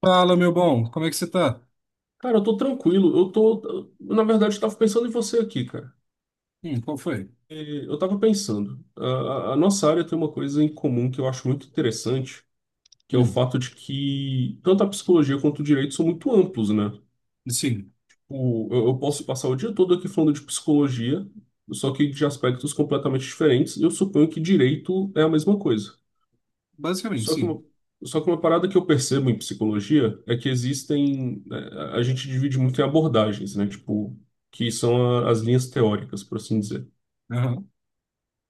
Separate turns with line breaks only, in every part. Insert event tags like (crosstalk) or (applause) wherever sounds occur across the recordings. Fala, meu bom, como é que você tá?
Cara, eu tô tranquilo. Eu tô. Na verdade, eu tava pensando em você aqui, cara.
Qual foi?
Eu tava pensando. A nossa área tem uma coisa em comum que eu acho muito interessante, que é o
Hum,
fato de que tanto a psicologia quanto o direito são muito amplos, né?
sim,
Eu posso
si-
passar o dia todo aqui falando de psicologia, só que de aspectos completamente diferentes, e eu suponho que direito é a mesma coisa.
basicamente,
Só que
sim.
uma, só que uma parada que eu percebo em psicologia é que A gente divide muito em abordagens, né? Tipo, que são as linhas teóricas, por assim dizer.
Aham,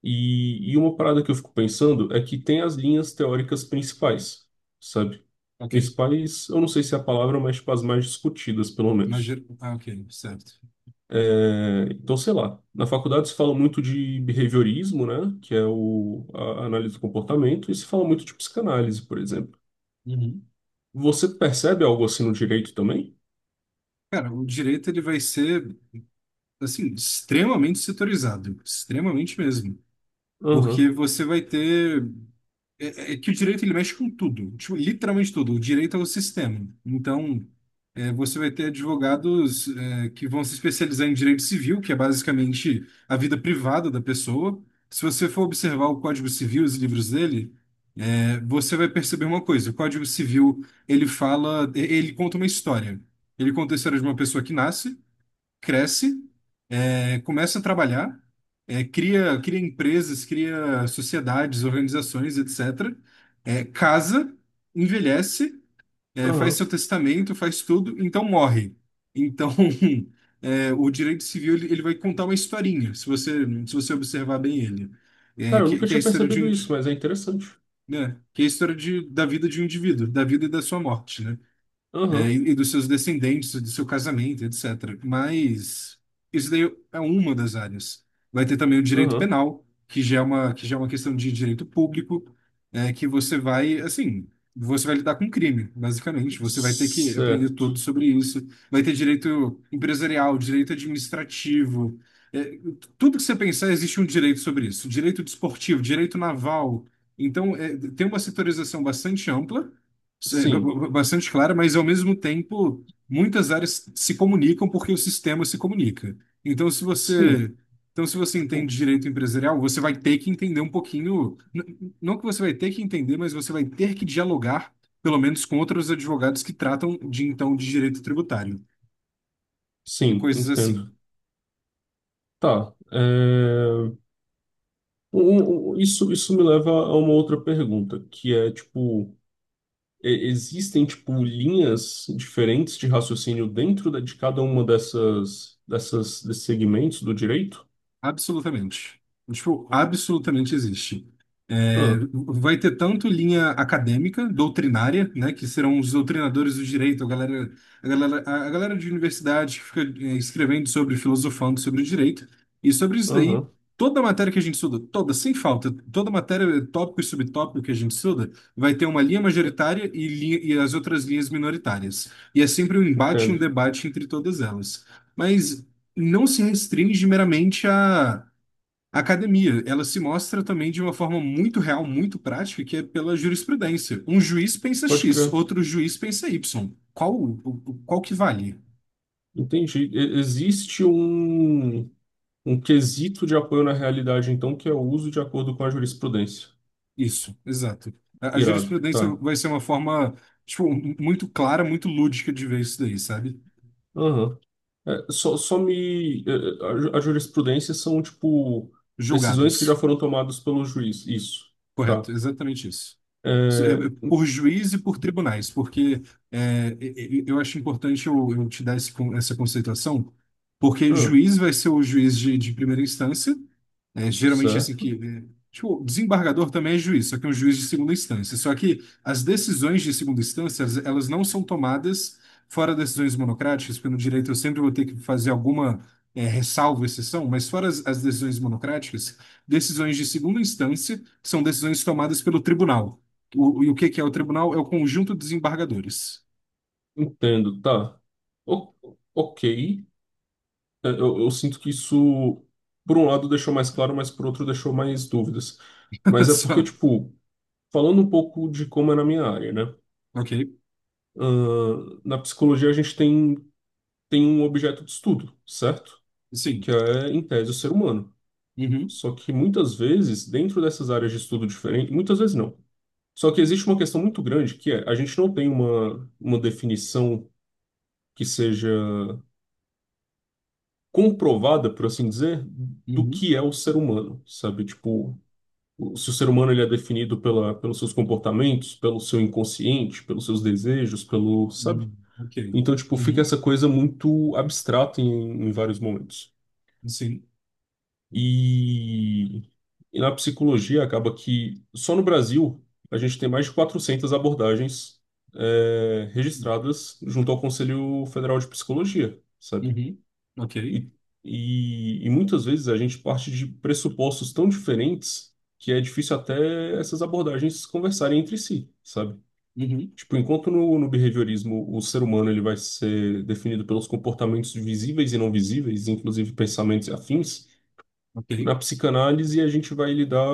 E uma parada que eu fico pensando é que tem as linhas teóricas principais, sabe?
ok.
Principais, eu não sei se é a palavra, mas tipo, as mais discutidas, pelo menos.
Imagina, ah, ok, certo.
Então, sei lá. Na faculdade se fala muito de behaviorismo, né? Que é o, a análise do comportamento, e se fala muito de psicanálise, por exemplo.
Uhum.
Você percebe algo assim no direito também?
Cara, o direito ele vai ser, assim, extremamente setorizado, extremamente mesmo, porque
Aham,
você vai ter. É, é que o direito ele mexe com tudo, tipo, literalmente tudo. O direito é o sistema. Então, você vai ter advogados, que vão se especializar em direito civil, que é basicamente a vida privada da pessoa. Se você for observar o Código Civil, os livros dele, você vai perceber uma coisa. O Código Civil, ele fala, ele conta uma história. Ele conta a história de uma pessoa que nasce, cresce, começa a trabalhar, cria empresas, cria sociedades, organizações, etc. Casa, envelhece, faz seu
aham.
testamento, faz tudo, então morre. Então, (laughs) o direito civil ele vai contar uma historinha, se você observar bem ele,
Cara, eu nunca
que é a
tinha
história de
percebido
um,
isso, mas é interessante.
né, que é a história de, da vida de um indivíduo, da vida e da sua morte, né?
Aham,
E dos seus descendentes, do seu casamento, etc. Mas isso daí é uma das áreas. Vai ter também o direito
aham.
penal, que já é uma questão de direito público, que você vai, assim, você vai lidar com crime, basicamente. Você vai ter que aprender
Certo.
tudo sobre isso. Vai ter direito empresarial, direito administrativo. É, tudo que você pensar, existe um direito sobre isso. Direito desportivo, direito naval. Então, é, tem uma setorização bastante ampla, sim,
Sim,
bastante clara, mas ao mesmo tempo, muitas áreas se comunicam porque o sistema se comunica. Então, se
sim,
você, então, se você entende
tipo,
direito empresarial, você vai ter que entender um pouquinho, não que você vai ter que entender, mas você vai ter que dialogar, pelo menos com outros advogados que tratam de então de direito tributário e
sim,
coisas
entendo.
assim.
Tá. Isso, isso me leva a uma outra pergunta, que é, tipo, existem, tipo, linhas diferentes de raciocínio dentro de cada uma dessas desses segmentos do direito?
Absolutamente. Tipo, absolutamente existe. É,
Ah,
vai ter tanto linha acadêmica, doutrinária, né, que serão os doutrinadores do direito, a galera, a galera de universidade que fica escrevendo sobre, filosofando sobre o direito, e sobre isso daí,
aham,
toda matéria que a gente estuda, toda, sem falta, toda matéria, tópico e subtópico que a gente estuda, vai ter uma linha majoritária e as outras linhas minoritárias. E é sempre um embate e um
entendo.
debate entre todas elas. Mas não se restringe meramente à academia, ela se mostra também de uma forma muito real, muito prática, que é pela jurisprudência. Um juiz pensa
Pode
X,
crer.
outro juiz pensa Y. Qual que vale?
Entendi. Existe um quesito de apoio na realidade, então, que é o uso de acordo com a jurisprudência.
Isso, exato. A
Irado,
jurisprudência
tá.
vai ser uma forma, tipo, muito clara, muito lúdica de ver isso daí, sabe?
Aham. É, só, só me. É, A, ju- a jurisprudência são, tipo, decisões que já
Julgados.
foram tomadas pelo juiz. Isso, tá.
Correto, exatamente isso.
É,
Por juiz e por tribunais, porque eu acho importante eu te dar essa conceituação, porque
ah,
juiz vai ser o juiz de primeira instância, né, geralmente assim que.
certo.
É, tipo, desembargador também é juiz, só que é um juiz de segunda instância. Só que as decisões de segunda instância, elas não são tomadas fora decisões monocráticas, porque no direito eu sempre vou ter que fazer alguma ressalva, exceção, mas fora as, as decisões monocráticas, decisões de segunda instância são decisões tomadas pelo tribunal. E o que que é o tribunal? É o conjunto de desembargadores.
Entendo, tá. O- ok. Eu sinto que isso, por um lado, deixou mais claro, mas por outro, deixou mais dúvidas.
(laughs)
Mas é porque,
Só.
tipo, falando um pouco de como é na minha área, né?
Ok.
Ah, na psicologia a gente tem um objeto de estudo, certo?
Sim.
Que é, em tese, o ser humano.
Uhum.
Só que muitas vezes, dentro dessas áreas de estudo diferentes, muitas vezes não. Só que existe uma questão muito grande que é, a gente não tem uma definição que seja comprovada, por assim dizer, do
Uhum.
que é o ser humano, sabe? Tipo, se o ser humano ele é definido pela, pelos seus comportamentos, pelo seu inconsciente, pelos seus desejos, pelo, sabe?
Uhum. Ok.
Então, tipo, fica
Uhum.
essa coisa muito abstrata em, em vários momentos.
Sim.
E, e na psicologia acaba que só no Brasil a gente tem mais de 400 abordagens registradas junto ao Conselho Federal de Psicologia, sabe?
Uhum. Ok.
E, e muitas vezes a gente parte de pressupostos tão diferentes que é difícil até essas abordagens conversarem entre si, sabe?
Uhum.
Tipo, enquanto no behaviorismo o ser humano ele vai ser definido pelos comportamentos visíveis e não visíveis, inclusive pensamentos e afins,
Ok.
na psicanálise a gente vai lidar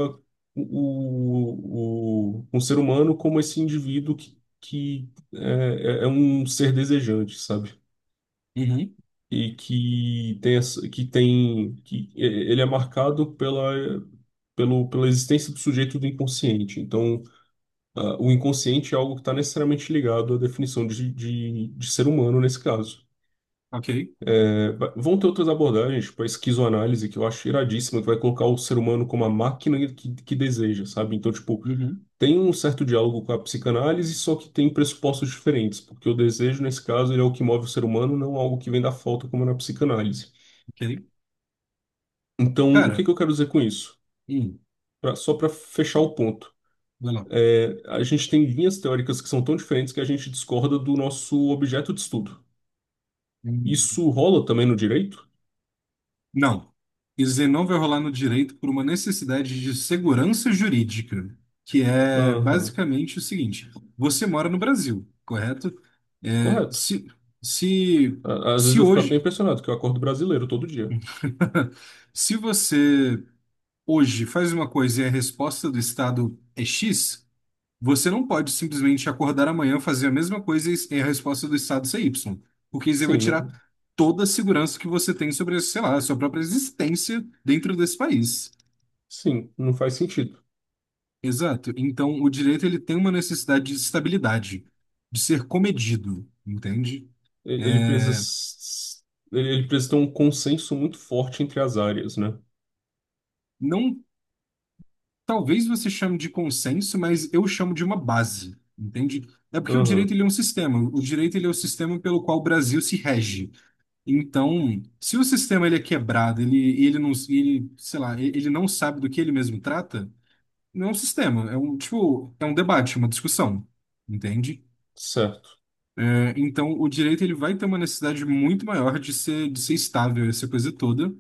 o, o, um ser humano como esse indivíduo que é um ser desejante, sabe?
Uhum.
E que tem, ele é marcado pela existência do sujeito do inconsciente. Então, o inconsciente é algo que está necessariamente ligado à definição de ser humano nesse caso.
Ok.
Vão ter outras abordagens, tipo a esquizoanálise, que eu acho iradíssima, que vai colocar o ser humano como a máquina que deseja, sabe? Então, tipo,
Uhum.
tem um certo diálogo com a psicanálise, só que tem pressupostos diferentes, porque o desejo, nesse caso, ele é o que move o ser humano, não algo que vem da falta, como na psicanálise.
Ok.
Então, o
Cara,
que que eu quero dizer com isso?
hum,
Só para fechar o ponto.
vai lá.
É, a gente tem linhas teóricas que são tão diferentes que a gente discorda do nosso objeto de estudo.
Hum.
Isso rola também no direito?
Não. Isenão vai rolar no direito por uma necessidade de segurança jurídica, que é
Aham,
basicamente o seguinte: você mora no Brasil, correto? É,
correto.
se, se,
Às vezes
Se
eu fico até
hoje,
impressionado que eu acordo brasileiro todo dia.
(laughs) se você hoje faz uma coisa e a resposta do Estado é X, você não pode simplesmente acordar amanhã, fazer a mesma coisa e a resposta do Estado ser Y, porque isso aí vai
Sim,
tirar
não,
toda a segurança que você tem sobre, sei lá, a sua própria existência dentro desse país.
sim, não faz sentido.
Exato. Então, o direito ele tem uma necessidade de estabilidade, de ser comedido, entende?
Ele
É,
precisa, ele ele precisa ter um consenso muito forte entre as áreas, né?
Não, talvez você chame de consenso, mas eu chamo de uma base, entende? É porque o direito
Aham,
ele é um sistema. O direito ele é o sistema pelo qual o Brasil se rege. Então, se o sistema ele é quebrado, ele ele não, ele, sei lá, ele não sabe do que ele mesmo trata, não é um sistema, é um tipo, é um debate, uma discussão, entende?
certo.
Então, o direito ele vai ter uma necessidade muito maior de ser estável, essa coisa toda,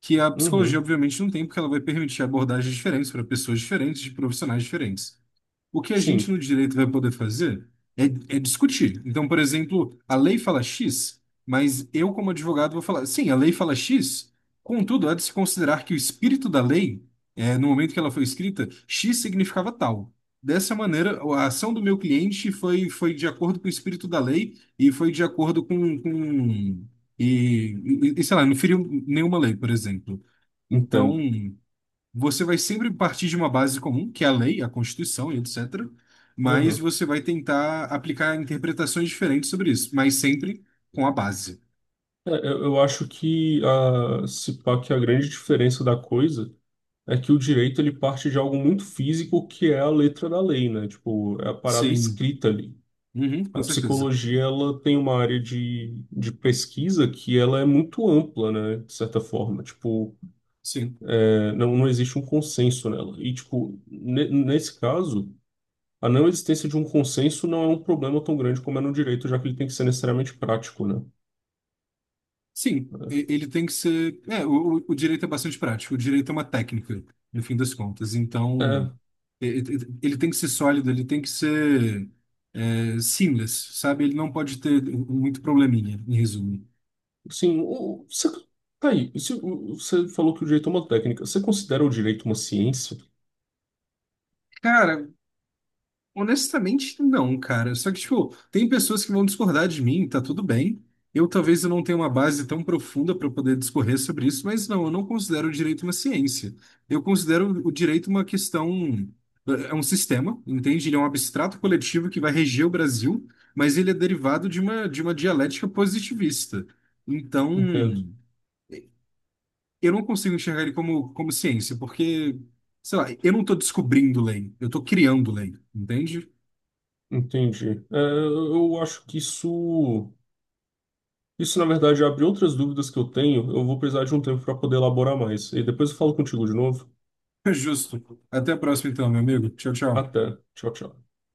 que a psicologia,
Uhum,
obviamente, não tem, porque ela vai permitir abordagens diferentes para pessoas diferentes, de profissionais diferentes. O que a gente
sim,
no direito vai poder fazer é, é discutir. Então, por exemplo, a lei fala X, mas eu, como advogado, vou falar, sim, a lei fala X, contudo, há de se considerar que o espírito da lei, no momento que ela foi escrita, X significava tal. Dessa maneira, a ação do meu cliente foi de acordo com o espírito da lei e foi de acordo com sei lá, não feriu nenhuma lei, por exemplo. Então.
entendo.
Você vai sempre partir de uma base comum, que é a lei, a Constituição e etc. Mas
Aham.
você vai tentar aplicar interpretações diferentes sobre isso, mas sempre com a base.
Eu acho que a, se pá, que a grande diferença da coisa é que o direito ele parte de algo muito físico que é a letra da lei, né? Tipo, é a parada
Sim,
escrita ali.
uhum,
A
com certeza.
psicologia ela tem uma área de pesquisa que ela é muito ampla, né, de certa forma. Tipo,
Sim,
é, não, não existe um consenso nela. E, tipo, nesse caso, a não existência de um consenso não é um problema tão grande como é no direito, já que ele tem que ser necessariamente prático, né?
Ele tem que ser. É, o o direito é bastante prático, o direito é uma técnica, no fim das contas.
É,
Então,
é,
ele tem que ser sólido, ele tem que ser seamless, sabe? Ele não pode ter muito probleminha, em resumo.
assim, o- você, tá aí, se, o- você falou que o direito é uma técnica. Você considera o direito uma ciência?
Cara, honestamente, não, cara. Só que, tipo, tem pessoas que vão discordar de mim, tá tudo bem. Eu talvez eu não tenha uma base tão profunda para poder discorrer sobre isso, mas não, eu não considero o direito uma ciência. Eu considero o direito uma questão, eh, é um sistema, entende? Ele é um abstrato coletivo que vai reger o Brasil, mas ele é derivado de uma dialética positivista. Então,
Entendo.
eu não consigo enxergar ele como, como ciência, porque, sei lá, eu não estou descobrindo lei, eu estou criando lei, entende?
Entendi. É, eu acho que isso. Isso, na verdade, abre outras dúvidas que eu tenho. Eu vou precisar de um tempo para poder elaborar mais. E depois eu falo contigo de novo.
(laughs) Justo. Até a próxima, então, meu amigo. Tchau, tchau.
Até. Tchau, tchau.